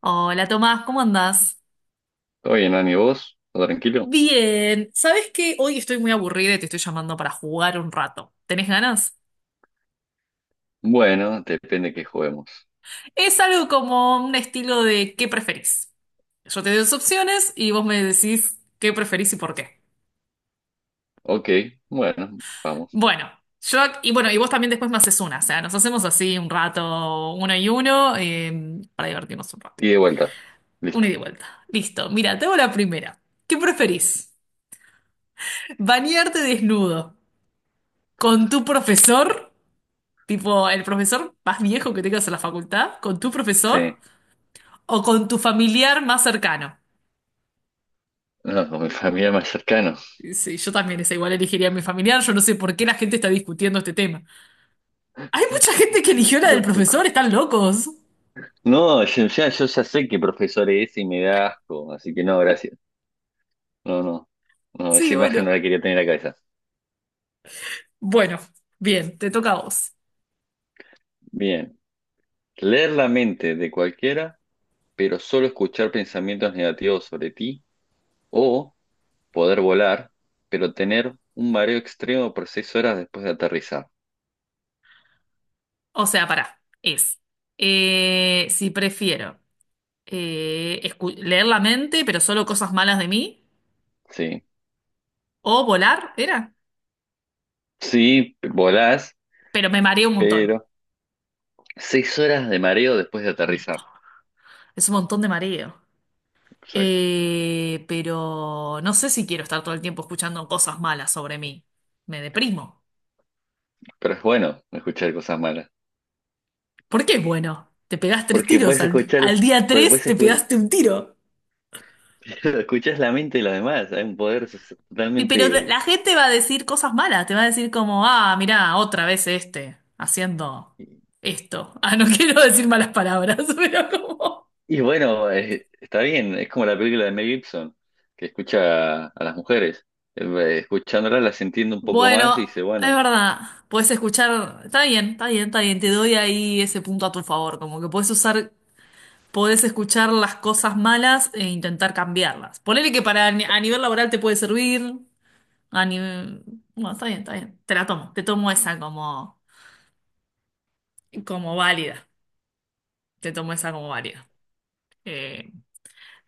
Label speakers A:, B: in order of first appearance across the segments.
A: Hola Tomás, ¿cómo andás?
B: ¿Todo bien, Ani? ¿Vos? ¿Todo tranquilo?
A: Bien, ¿sabes qué? Hoy estoy muy aburrida y te estoy llamando para jugar un rato. ¿Tenés ganas?
B: Bueno, depende que juguemos.
A: Es algo como un estilo de ¿qué preferís? Yo te doy dos opciones y vos me decís qué preferís y por qué.
B: Ok, bueno, vamos.
A: Bueno, yo y bueno, y vos también después me haces una, o sea, nos hacemos así un rato, uno y uno, para divertirnos un rato.
B: Y de vuelta.
A: Una
B: Listo.
A: y de vuelta. Listo, mira, te hago la primera. ¿Qué preferís? ¿Bañarte desnudo con tu profesor? Tipo, el profesor más viejo que tengas en la facultad, con tu profesor
B: Sí.
A: o con tu familiar más cercano.
B: No, con mi familia más cercana.
A: Sí, yo también esa igual elegiría a mi familiar. Yo no sé por qué la gente está discutiendo este tema. Hay mucha gente que eligió la del
B: Tampoco.
A: profesor, están locos.
B: No, yo ya sé que profesor es y me da asco, así que no, gracias. No, no. No,
A: Sí,
B: esa imagen
A: bueno.
B: no la quería tener en la cabeza.
A: Bueno, bien, te toca a vos.
B: Bien. Leer la mente de cualquiera, pero solo escuchar pensamientos negativos sobre ti, o poder volar, pero tener un mareo extremo por 6 horas después de aterrizar.
A: O sea, pará. Es. eh, si prefiero leer la mente, pero solo cosas malas de mí,
B: Sí.
A: o volar, era.
B: Sí, volás,
A: Pero me mareo un montón.
B: pero 6 horas de mareo después de
A: Un montón.
B: aterrizar.
A: Es un montón de mareo.
B: Exacto.
A: Pero no sé si quiero estar todo el tiempo escuchando cosas malas sobre mí. Me deprimo.
B: Pero es bueno escuchar cosas malas.
A: ¿Por qué es bueno? Te pegás tres
B: Porque
A: tiros.
B: puedes
A: Al,
B: escuchar,
A: al día
B: porque
A: tres te pegaste un tiro.
B: escuchás la mente de los demás. Hay un
A: Y pero la
B: totalmente.
A: la gente va a decir cosas malas. Te va a decir como, ah, mirá, otra vez este, haciendo esto. Ah, no quiero decir malas palabras, pero como...
B: Y bueno, está bien. Es como la película de Mel Gibson, que escucha a las mujeres. Escuchándolas las entiende un poco más y
A: Bueno,
B: dice,
A: es
B: bueno,
A: verdad. Puedes escuchar, está bien, está bien, está bien, te doy ahí ese punto a tu favor, como que puedes usar podés escuchar las cosas malas e intentar cambiarlas. Ponele que para ni- a nivel laboral te puede servir, a nivel... Bueno, está bien, está bien. Te tomo esa como válida. Te tomo esa como válida. Eh,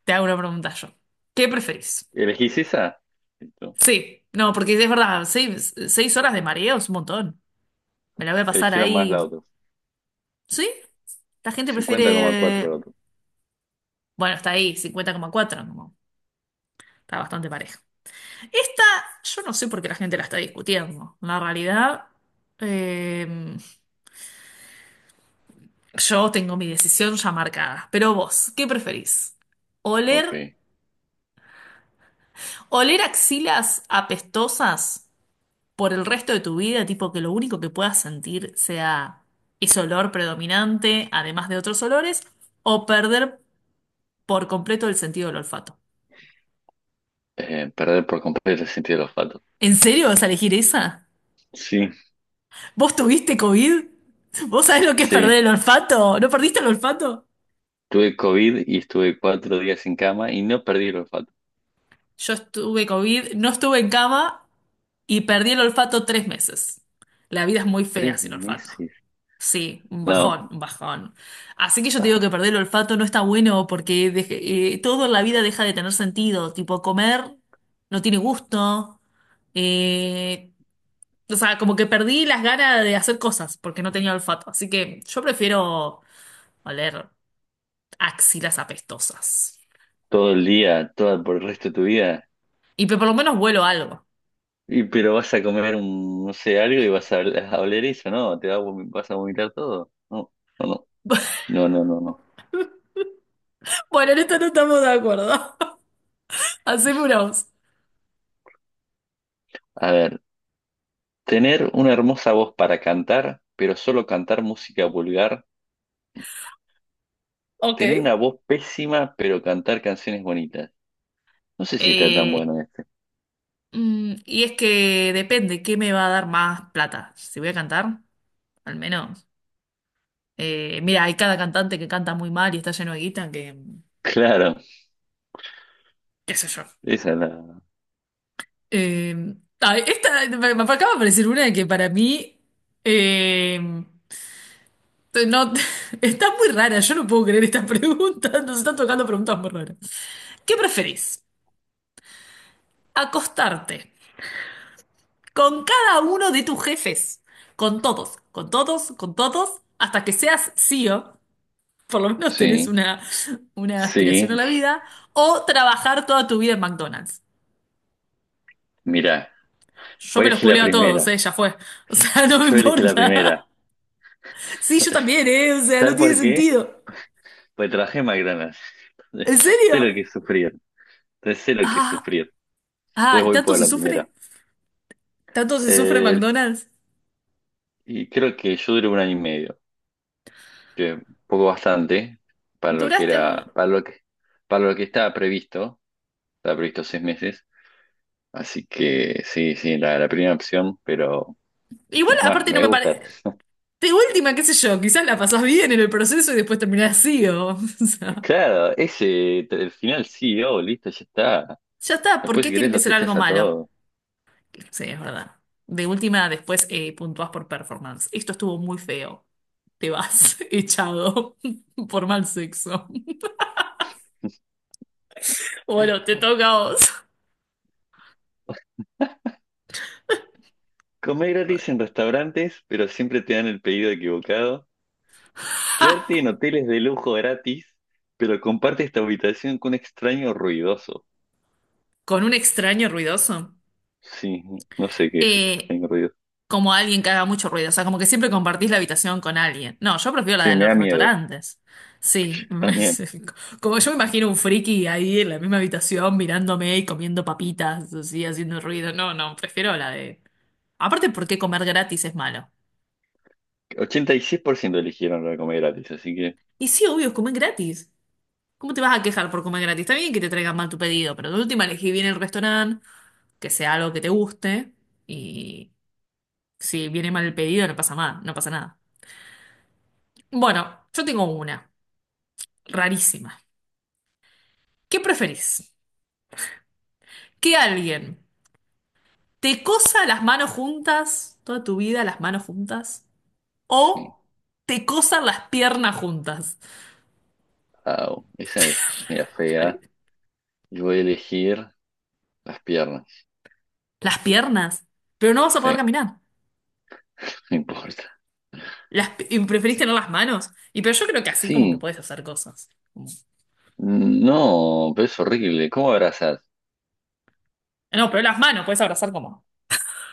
A: te hago una pregunta yo. ¿Qué preferís?
B: ¿elegís esa? Listo.
A: Sí, no, porque es verdad, seis horas de mareo es un montón. Me la voy a pasar
B: Eligieron más la
A: ahí.
B: otra.
A: ¿Sí? La gente
B: 50,4 la
A: prefiere...
B: otra.
A: Bueno, está ahí, 50,4, como, está bastante parejo. Esta, yo no sé por qué la gente la está discutiendo. La realidad, eh, yo tengo mi decisión ya marcada. Pero vos, ¿qué preferís? ¿Oler,
B: Ok.
A: oler axilas apestosas por el resto de tu vida, tipo que lo único que puedas sentir sea ese olor predominante, además de otros olores, o perder por completo el sentido del olfato?
B: Perder por completo el sentido del olfato.
A: ¿En serio vas a elegir esa?
B: Sí,
A: ¿Vos tuviste COVID? ¿Vos sabés lo que es
B: sí.
A: perder el olfato? ¿No perdiste el olfato?
B: Tuve COVID y estuve 4 días en cama y no perdí el olfato.
A: Yo estuve COVID, no estuve en cama y perdí el olfato 3 meses. La vida es muy fea
B: Tres
A: sin olfato.
B: meses.
A: Sí, un
B: No,
A: bajón, un bajón. Así que yo te
B: ah,
A: digo que perder el olfato no está bueno porque todo en la vida deja de tener sentido. Tipo, comer no tiene gusto. Eh, o sea, como que perdí las ganas de hacer cosas porque no tenía olfato. Así que yo prefiero oler axilas apestosas.
B: todo el día, todo por el resto de tu vida.
A: Por lo menos vuelo algo.
B: Y, pero vas a comer un, no sé, algo y vas a oler eso, ¿no? Te va a vas a vomitar todo. No, no, no, no, no, no, no.
A: Bueno, en esto no estamos de acuerdo. Hacémonos.
B: A ver, tener una hermosa voz para cantar, pero solo cantar música vulgar.
A: Ok.
B: Tener una voz pésima, pero cantar canciones bonitas. No sé si está tan
A: Eh,
B: bueno este.
A: y es que depende, ¿qué me va a dar más plata? Si voy a cantar, al menos. Mira, hay cada cantante que canta muy mal y está lleno de guita que,
B: Claro.
A: qué sé yo.
B: Esa es la...
A: Eh, esta, me acaba de aparecer una que para mí eh, no, está muy rara, yo no puedo creer esta pregunta, nos están tocando preguntas muy raras. ¿Qué preferís? ¿Acostarte con cada uno de tus jefes? Con todos, con todos, con todos, hasta que seas CEO, por lo menos tenés
B: Sí,
A: una aspiración a
B: sí.
A: la vida, o trabajar toda tu vida en McDonald's.
B: Mira,
A: Yo
B: voy
A: me
B: a
A: los
B: elegir la
A: culeo a todos,
B: primera.
A: ya fue. O sea, no me
B: Yo elegí la primera.
A: importa. Sí, yo también, o sea, no
B: ¿Sabes
A: tiene
B: por qué?
A: sentido.
B: Pues trabajé en McDonald's.
A: ¿En
B: Sé
A: serio?
B: lo que es sufrir. Entonces sé lo que es
A: Ah,
B: sufrir. Entonces
A: ah, ¿y
B: voy
A: tanto
B: por
A: se
B: la primera.
A: sufre? ¿Tanto se sufre en
B: Eh,
A: McDonald's?
B: y creo que yo duré 1 año y medio. Que un poco bastante para lo que
A: Duraste...
B: era,
A: un-
B: para lo que estaba previsto. Estaba previsto 6 meses. Así que sí, sí, la primera opción, pero
A: Igual,
B: es más,
A: aparte, no
B: me
A: me
B: gusta.
A: parece. De última, qué sé yo, quizás la pasás bien en el proceso y después terminás así, o sea.
B: Claro, ese, el final sí, oh, listo, ya está.
A: Ya está, ¿por
B: Después
A: qué
B: si
A: tiene
B: querés
A: que
B: los
A: ser algo
B: echás a
A: malo?
B: todos.
A: Sí, es verdad. De última, después puntuás por performance. Esto estuvo muy feo. Te vas echado por mal sexo. Bueno, te toca a vos.
B: Comer gratis en restaurantes, pero siempre te dan el pedido equivocado. Quedarte en hoteles de lujo gratis, pero comparte esta habitación con un extraño ruidoso.
A: Con un extraño ruidoso.
B: Sí, no sé qué es
A: Eh,
B: extraño ruidoso.
A: como alguien que haga mucho ruido. O sea, como que siempre compartís la habitación con alguien. No, yo prefiero la
B: Sí,
A: de
B: me da
A: los
B: miedo.
A: restaurantes. Sí,
B: También.
A: como yo me imagino un friki ahí en la misma habitación mirándome y comiendo papitas, así, haciendo ruido. No, no, prefiero la de. Aparte, ¿por qué comer gratis es malo?
B: 86% eligieron la de comer gratis, así que
A: Y sí, obvio, comer gratis. ¿Cómo te vas a quejar por comer gratis? Está bien que te traigan mal tu pedido, pero de última elegí bien el restaurante, que sea algo que te guste, y si viene mal el pedido no pasa nada, no pasa nada. Bueno, yo tengo una rarísima. ¿Qué preferís? ¿Que alguien te cosa las manos juntas, toda tu vida las manos juntas?
B: sí.
A: ¿O te cosan las piernas juntas?
B: Au, esa es media fea. Yo voy a elegir las piernas.
A: Las piernas, pero no vas a poder
B: Sí,
A: caminar.
B: no importa.
A: Y preferís tener las manos. Y pero yo creo que así como que
B: Sí,
A: puedes hacer cosas. Como-
B: mm, no, pero es horrible. ¿Cómo abrazas?
A: No, pero las manos, puedes abrazar como,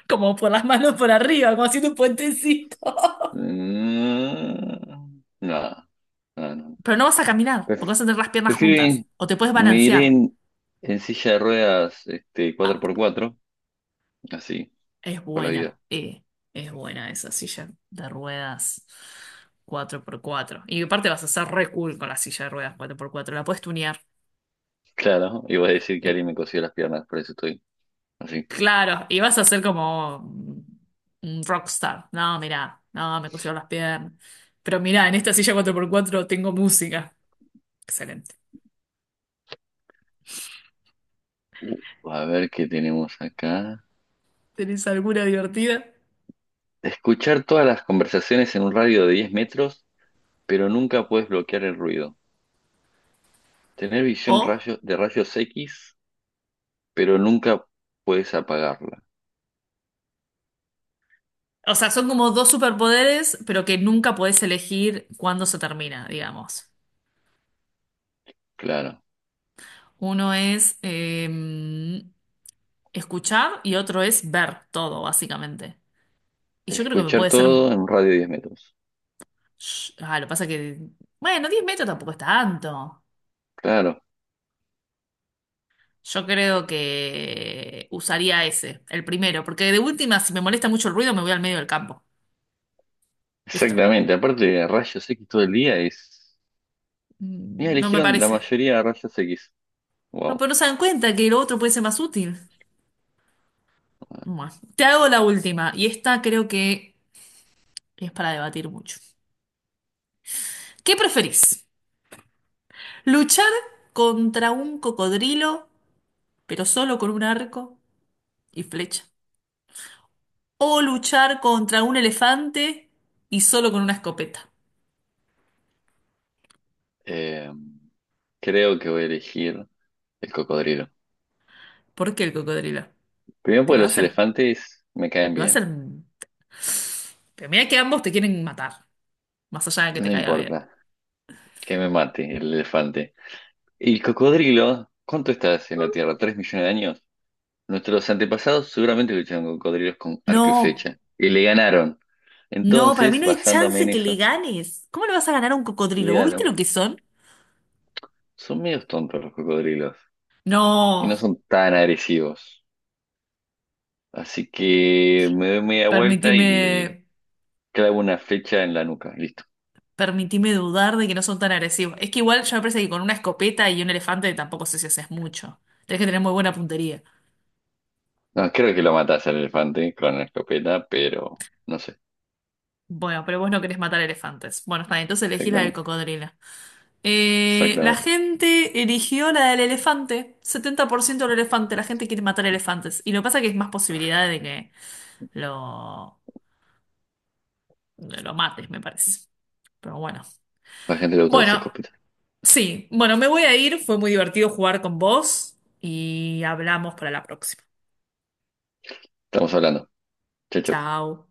A: como por las manos por arriba, como haciendo un puentecito.
B: Mm, no, no, no.
A: Pero no vas a caminar, porque
B: Pref-
A: vas a tener las piernas
B: Prefiero
A: juntas.
B: ir-
A: O te puedes
B: me iré
A: balancear.
B: en silla de ruedas este, cuatro
A: Ah,
B: por cuatro, así,
A: Es
B: por la vida.
A: buena, eh, es buena esa silla de ruedas 4x4. Y aparte vas a ser re cool con la silla de ruedas 4x4, la puedes tunear.
B: Claro, iba a decir que
A: Eh,
B: alguien me cosió las piernas, por eso estoy así.
A: claro, y vas a ser como un rockstar. No, mirá, no, me cosieron las piernas. Pero mirá, en esta silla 4x4 tengo música. Excelente.
B: Uh, a ver qué tenemos acá.
A: ¿Tenés alguna divertida?
B: Escuchar todas las conversaciones en un radio de 10 metros, pero nunca puedes bloquear el ruido. Tener visión
A: O,
B: de rayos X, pero nunca puedes apagarla.
A: o sea, son como dos superpoderes, pero que nunca podés elegir cuándo se termina, digamos.
B: Claro,
A: Uno es escuchar y otro es ver todo, básicamente. Y yo creo que me
B: escuchar
A: puede ser.
B: todo en un radio de 10 metros.
A: Ah, lo que pasa que. Bueno, 10 metros tampoco es tanto.
B: Claro,
A: Yo creo que usaría ese, el primero, porque de última, si me molesta mucho el ruido, me voy al medio del campo. Listo.
B: exactamente. Aparte, de rayos X todo el día es... Mira,
A: No me
B: eligieron la
A: parece.
B: mayoría a rayos X.
A: No,
B: Wow.
A: pero no se dan cuenta que lo otro puede ser más útil. Bueno, te hago la última, y esta creo que es para debatir mucho. ¿Qué preferís? ¿Luchar contra un cocodrilo, pero solo con un arco y flecha? O luchar contra un elefante y solo con una escopeta.
B: Eh, creo que voy a elegir el cocodrilo.
A: ¿Por qué el cocodrilo?
B: Primero
A: Te
B: porque
A: va a
B: los
A: hacer,
B: elefantes me caen
A: te va a
B: bien.
A: hacer. Pero mira que ambos te quieren matar, más allá de que te
B: No
A: caiga bien.
B: importa que me mate el elefante. Y el cocodrilo, ¿cuánto estás en la Tierra? ¿3 millones de años? Nuestros antepasados seguramente lucharon con cocodrilos con arco y
A: No,
B: flecha. Y le ganaron.
A: no, para mí
B: Entonces,
A: no hay
B: basándome
A: chance
B: en
A: que le
B: eso,
A: ganes. ¿Cómo le vas a ganar a un
B: le
A: cocodrilo? ¿Vos viste
B: ganaron.
A: lo que son?
B: Son medios tontos los cocodrilos y no
A: No,
B: son tan agresivos. Así que me doy media vuelta y le
A: permitime,
B: clavo una flecha en la nuca. Listo.
A: permitime dudar de que no son tan agresivos. Es que igual yo, me parece que con una escopeta y un elefante tampoco sé si haces mucho. Tenés que tener muy buena puntería.
B: No, creo que lo matas al elefante con una escopeta, pero no sé
A: Bueno, pero vos no querés matar elefantes. Bueno, está bien, entonces elegís la del
B: exactamente.
A: cocodrilo. La
B: Exactamente.
A: gente eligió la del elefante. 70% del elefante. La gente quiere matar elefantes. Y lo que pasa es que hay más posibilidad de que lo, de lo mates, me parece. Pero bueno.
B: A la gente le gustan las
A: Bueno,
B: escopetas.
A: sí. Bueno, me voy a ir. Fue muy divertido jugar con vos. Y hablamos para la próxima.
B: Estamos hablando. Chao, chao.
A: Chao.